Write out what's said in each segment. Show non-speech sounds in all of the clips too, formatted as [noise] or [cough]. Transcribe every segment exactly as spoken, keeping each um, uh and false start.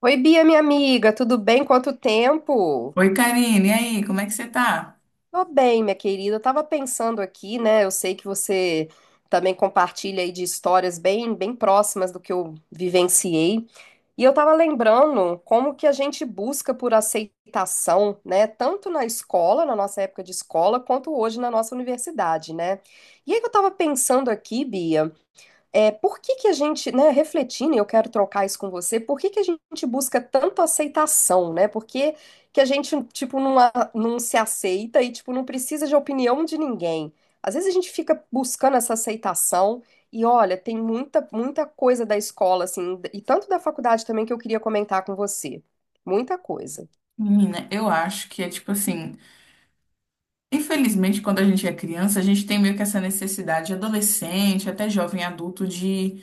Oi, Bia, minha amiga, tudo bem? Quanto tempo? Oi, Karine, e aí, como é que você tá? Tô bem, minha querida. Eu tava pensando aqui, né? Eu sei que você também compartilha aí de histórias bem, bem próximas do que eu vivenciei. E eu tava lembrando como que a gente busca por aceitação, né? Tanto na escola, na nossa época de escola, quanto hoje na nossa universidade, né? E aí que eu tava pensando aqui, Bia. É, por que que a gente, né, refletindo, e eu quero trocar isso com você, por que que a gente busca tanto aceitação, né? Por que que a gente, tipo, não, a- não se aceita e, tipo, não precisa de opinião de ninguém? Às vezes a gente fica buscando essa aceitação e, olha, tem muita, muita coisa da escola, assim, e tanto da faculdade também que eu queria comentar com você. Muita coisa. Menina, eu acho que é tipo assim, infelizmente, quando a gente é criança, a gente tem meio que essa necessidade, adolescente, até jovem adulto, de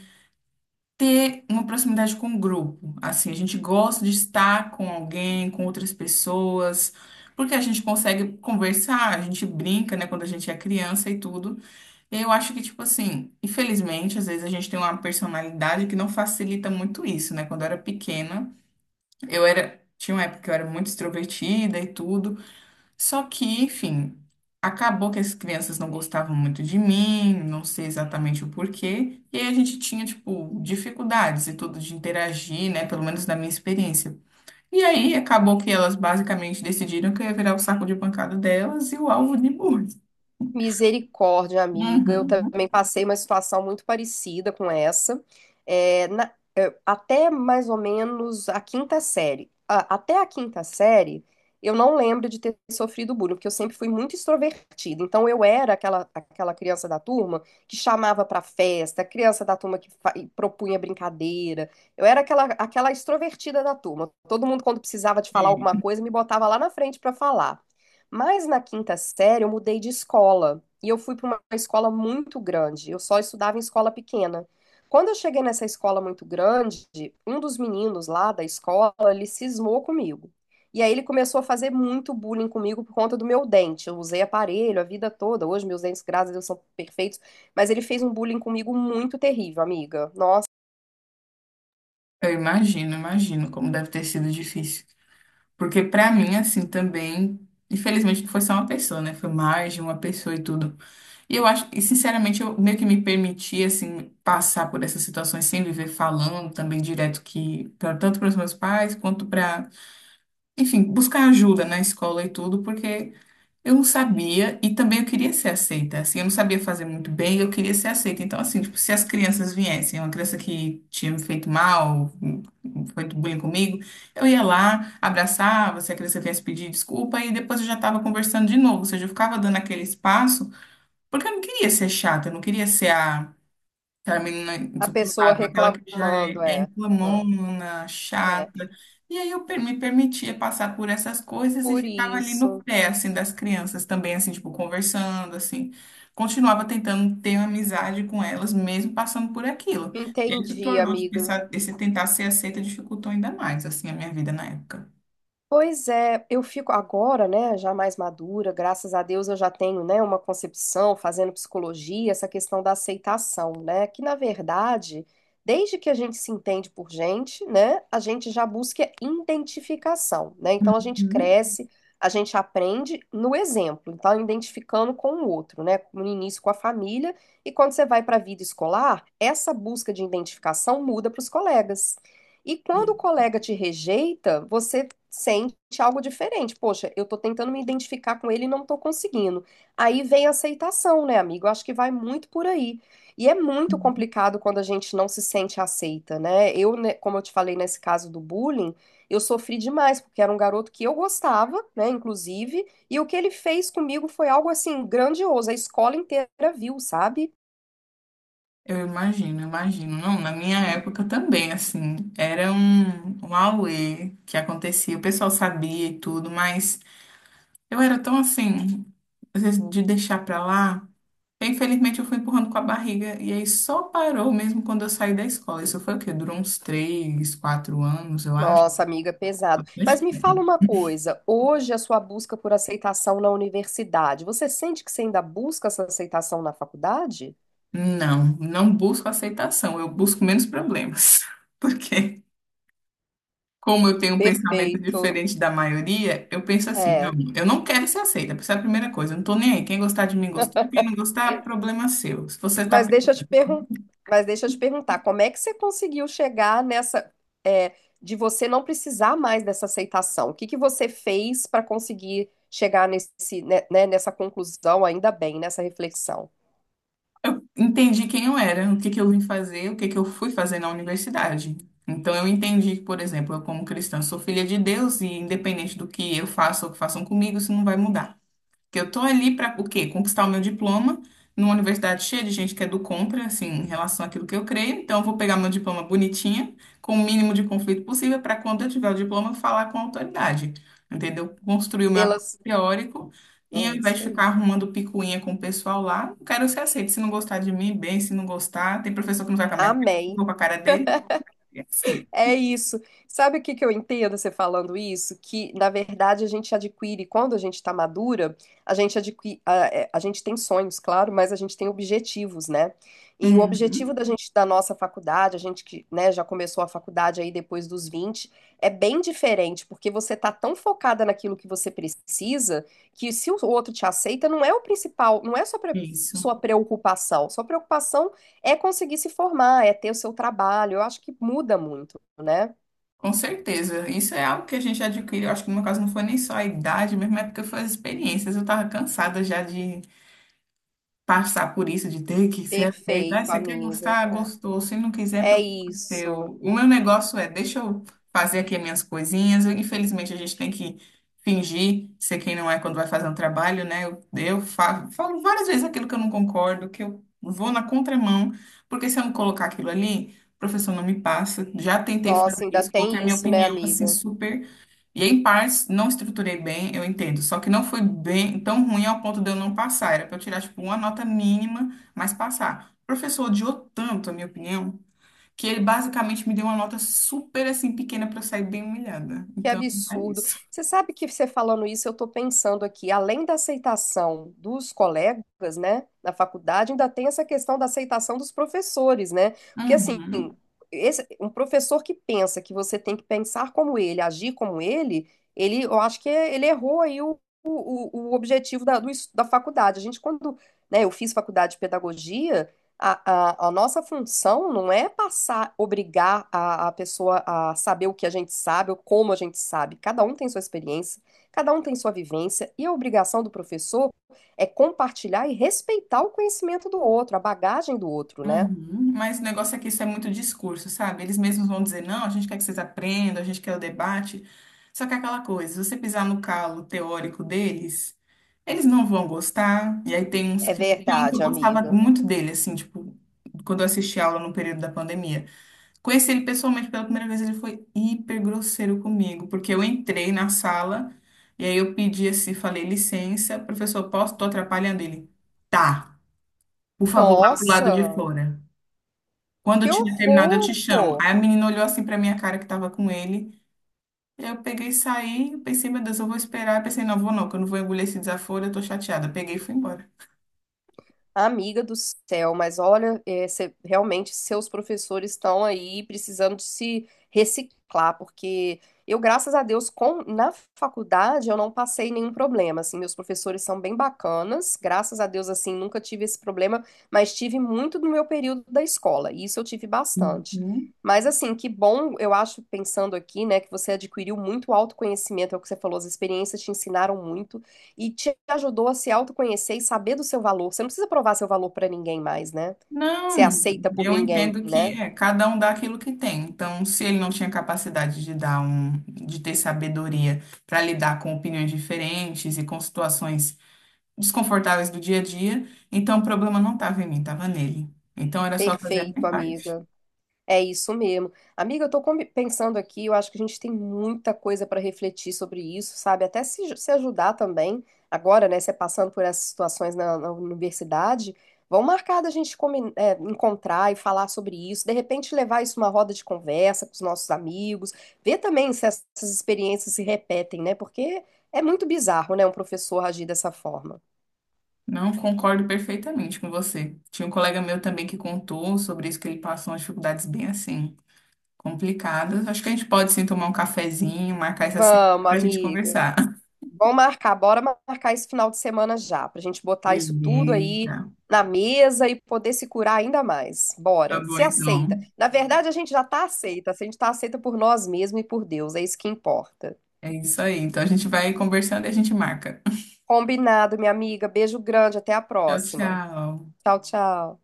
ter uma proximidade com o grupo. Assim, a gente gosta de estar com alguém, com outras pessoas, porque a gente consegue conversar, a gente brinca, né, quando a gente é criança e tudo. E eu acho que, tipo assim, infelizmente, às vezes a gente tem uma personalidade que não facilita muito isso, né? Quando eu era pequena. Eu era, tinha uma época que eu era muito extrovertida e tudo, só que, enfim, acabou que as crianças não gostavam muito de mim, não sei exatamente o porquê, e aí a gente tinha, tipo, dificuldades e tudo de interagir, né, pelo menos na minha experiência. E aí acabou que elas basicamente decidiram que eu ia virar o saco de pancada delas e o alvo de bullying. Misericórdia, amiga. Eu também Uhum. passei uma situação muito parecida com essa. É, na- é, até mais ou menos a quinta série. A- até a quinta série, eu não lembro de ter sofrido bullying, porque eu sempre fui muito extrovertida. Então, eu era aquela, aquela criança da turma que chamava pra festa, criança da turma que fa- e propunha brincadeira. Eu era aquela, aquela extrovertida da turma. Todo mundo, quando precisava de falar alguma E coisa, me botava lá na frente pra falar. Mas na quinta série eu mudei de escola e eu fui para uma escola muito grande. Eu só estudava em escola pequena. Quando eu cheguei nessa escola muito grande, um dos meninos lá da escola, ele cismou comigo. E aí ele começou a fazer muito bullying comigo por conta do meu dente. Eu usei aparelho a vida toda. Hoje meus dentes, graças a Deus, são perfeitos, mas ele fez um bullying comigo muito terrível, amiga. Nossa, eu imagino, imagino como deve ter sido difícil. Porque pra mim, assim, também, infelizmente, não foi só uma pessoa, né? Foi mais de uma pessoa e tudo. E eu acho, e sinceramente, eu meio que me permiti, assim, passar por essas situações sem viver falando também direto que, pra, tanto para os meus pais quanto para, enfim, buscar ajuda na escola e tudo, porque eu não sabia e também eu queria ser aceita, assim, eu não sabia fazer muito bem, eu queria ser aceita. Então, assim, tipo, se as crianças viessem, uma criança que tinha me feito mal, feito bullying comigo, eu ia lá, abraçava, se a criança viesse pedir desculpa e depois eu já estava conversando de novo, ou seja, eu ficava dando aquele espaço porque eu não queria ser chata, eu não queria ser a, aquela menina a pessoa insuportável, aquela que já é, reclamando, é é. reclamona, É, chata. é. E aí eu per- me permitia passar por essas coisas e Por ficava ali no isso. pé, assim, das crianças também, assim, tipo, conversando, assim. Continuava tentando ter uma amizade com elas, mesmo passando por aquilo. E aí se Entendi, tornou, de amiga. pensar, esse tentar ser aceita dificultou ainda mais, assim, a minha vida na época. Pois é, eu fico agora, né, já mais madura, graças a Deus eu já tenho, né, uma concepção fazendo psicologia, essa questão da aceitação, né, que na verdade, desde que a gente se entende por gente, né, a gente já busca identificação, né? Então a gente Uhum. cresce, a gente aprende no exemplo, então identificando com o outro, né, no início com a família, e quando você vai para a vida escolar, essa busca de identificação muda para os colegas. E quando o colega te rejeita, você sente algo diferente. Poxa, eu tô tentando me identificar com ele e não tô conseguindo. Aí vem a aceitação, né, amigo? Eu acho que vai muito por aí. E é muito complicado quando a gente não se sente aceita, né? Eu, né, como eu te falei nesse caso do bullying, eu sofri demais, porque era um garoto que eu gostava, né, inclusive, e o que ele fez comigo foi algo assim grandioso. A escola inteira viu, sabe? Eu imagino, eu imagino. Não, na minha época também, assim, era um, um auê que acontecia, o pessoal sabia e tudo, mas eu era tão assim, às vezes, de deixar pra lá. Eu, infelizmente, eu fui empurrando com a barriga, e aí só parou mesmo quando eu saí da escola. Isso foi o quê? Durou uns três, quatro anos, eu acho. Nossa, amiga, é pesado. Bastante Mas me fala tempo. uma coisa, hoje a sua busca por aceitação na universidade, você sente que você ainda busca essa aceitação na faculdade? Não, não busco aceitação, eu busco menos problemas. [laughs] Por quê? Como eu tenho um pensamento Perfeito. diferente da maioria, eu penso assim, não, É, eu não quero ser aceita, essa é a primeira coisa, eu não tô nem aí, quem gostar de mim gostou, quem não gostar, problema seu. Se você tá, mas per- deixa eu te pergun- mas deixa eu te perguntar, como é que você conseguiu chegar nessa, é, de você não precisar mais dessa aceitação? O que que você fez para conseguir chegar nesse, né, né, nessa conclusão, ainda bem, nessa reflexão? Entendi quem eu era, o que que eu vim fazer, o que que eu fui fazer na universidade. Então eu entendi que, por exemplo, eu como cristã sou filha de Deus e independente do que eu faça ou que façam comigo, isso não vai mudar. Que eu tô ali para o quê? Conquistar o meu diploma numa universidade cheia de gente que é do contra, assim, em relação àquilo que eu creio. Então, eu vou pegar meu diploma bonitinha, com o mínimo de conflito possível, para quando eu tiver o diploma, eu falar com a autoridade, entendeu? Construir o meu apoio Pelas, teórico e ao é isso invés de ficar aí. arrumando picuinha com o pessoal lá, eu quero ser aceito. Se não gostar de mim, bem, se não gostar, tem professor que não vai com a minha cara, eu Amém. vou com a cara dele, é assim. É isso. Sabe o que que eu entendo você falando isso? Que, na verdade, a gente adquire, quando a gente está madura, a gente adquire, a, é, a gente tem sonhos, claro, mas a gente tem objetivos, né? E o objetivo Uhum. da gente, da nossa faculdade, a gente que, né, já começou a faculdade aí depois dos vinte é bem diferente, porque você tá tão focada naquilo que você precisa, que se o outro te aceita, não é o principal, não é só pre- Isso. sua preocupação. Sua preocupação é conseguir se formar, é ter o seu trabalho. Eu acho que muda muito, né? Com certeza. Isso é algo que a gente adquire. Eu acho que no meu caso não foi nem só a idade mesmo, é porque foi as experiências. Eu tava cansada já de passar por isso de ter que ser aceito. Ah, Perfeito, você quer amiga. gostar? Gostou. Se não quiser, É, é problema isso. seu. O meu negócio é, deixa eu fazer aqui as minhas coisinhas. Infelizmente, a gente tem que fingir ser quem não é quando vai fazer um trabalho, né? Eu, eu fa- falo, várias vezes aquilo que eu não concordo, que eu vou na contramão, porque se eu não colocar aquilo ali, o professor não me passa. Já tentei Nossa, fazer ainda isso, coloquei a tem minha isso, né, opinião, assim, amiga? super e em partes, não estruturei bem, eu entendo. Só que não foi bem tão ruim ao ponto de eu não passar. Era para eu tirar, tipo, uma nota mínima, mas passar. O professor odiou tanto, a minha opinião, que ele basicamente me deu uma nota super, assim, pequena para eu sair bem humilhada. Que Então, é absurdo. isso. Você sabe que você falando isso, eu estou pensando aqui, além da aceitação dos colegas, né, na faculdade, ainda tem essa questão da aceitação dos professores, né? Porque assim, Uhum, esse- um professor que pensa que você tem que pensar como ele, agir como ele, ele, eu acho que ele errou aí o, o, o objetivo da, do es- da faculdade. A gente, quando, né, eu fiz faculdade de pedagogia, a, a, a nossa função não é passar, obrigar a, a pessoa a saber o que a gente sabe ou como a gente sabe. Cada um tem sua experiência, cada um tem sua vivência, e a obrigação do professor é compartilhar e respeitar o conhecimento do outro, a bagagem do outro, né? uhum. Mas o negócio é que isso é muito discurso, sabe? Eles mesmos vão dizer, não, a gente quer que vocês aprendam, a gente quer o debate. Só que é aquela coisa, se você pisar no calo teórico deles... Eles não vão gostar. E aí tem uns É que. Tem um que eu verdade, gostava amiga. muito dele, assim, tipo, quando eu assisti aula no período da pandemia. Conheci ele pessoalmente pela primeira vez, ele foi hiper grosseiro comigo, porque eu entrei na sala e aí eu pedi assim, falei, licença, professor, posso? Tô atrapalhando ele. Tá, por favor, vá pro lado de Nossa, fora. Quando eu que tiver terminado, eu te chamo. horror! Aí a menina olhou assim pra minha cara que tava com ele. Eu peguei e saí, pensei, meu Deus, eu vou esperar. Pensei, não, vou não, que eu não vou engolir esse desaforo, eu tô chateada. Peguei e fui embora. Amiga do céu, mas olha, é, cê- realmente seus professores estão aí precisando de se reciclar, porque eu, graças a Deus, com, na faculdade eu não passei nenhum problema, assim, meus professores são bem bacanas, graças a Deus, assim, nunca tive esse problema, mas tive muito no meu período da escola, e isso eu tive bastante. Uhum. Mas, assim, que bom, eu acho, pensando aqui, né, que você adquiriu muito autoconhecimento, é o que você falou, as experiências te ensinaram muito e te ajudou a se autoconhecer e saber do seu valor. Você não precisa provar seu valor para ninguém mais, né? Ser Não, aceita por eu ninguém, entendo que né? é, cada um dá aquilo que tem. Então, se ele não tinha capacidade de dar um, de ter sabedoria para lidar com opiniões diferentes e com situações desconfortáveis do dia a dia, então o problema não estava em mim, estava nele. Então era só fazer a Perfeito, minha parte. amiga. É isso mesmo. Amiga, eu tô com- pensando aqui, eu acho que a gente tem muita coisa para refletir sobre isso, sabe? Até se, se ajudar também, agora, né? Você passando por essas situações na, na universidade, vão marcar da gente comi- é, encontrar e falar sobre isso, de repente levar isso numa roda de conversa com os nossos amigos, ver também se essas experiências se repetem, né? Porque é muito bizarro, né? Um professor agir dessa forma. Não concordo perfeitamente com você. Tinha um colega meu também que contou sobre isso que ele passou umas dificuldades bem assim, complicadas. Acho que a gente pode sim tomar um cafezinho, marcar essa semana Vamos, para a gente amiga. conversar. Vamos marcar, bora marcar esse final de semana já, pra gente botar isso tudo aí Beleza. na mesa e poder se curar ainda mais. Tá Bora, bom, se aceita. então. Na verdade, a gente já tá aceita, a gente tá aceita por nós mesmos e por Deus, é isso que importa. É isso aí. Então a gente vai conversando e a gente marca. [laughs] Combinado, minha amiga. Beijo grande, até a Tchau, próxima. tchau. Tchau, tchau.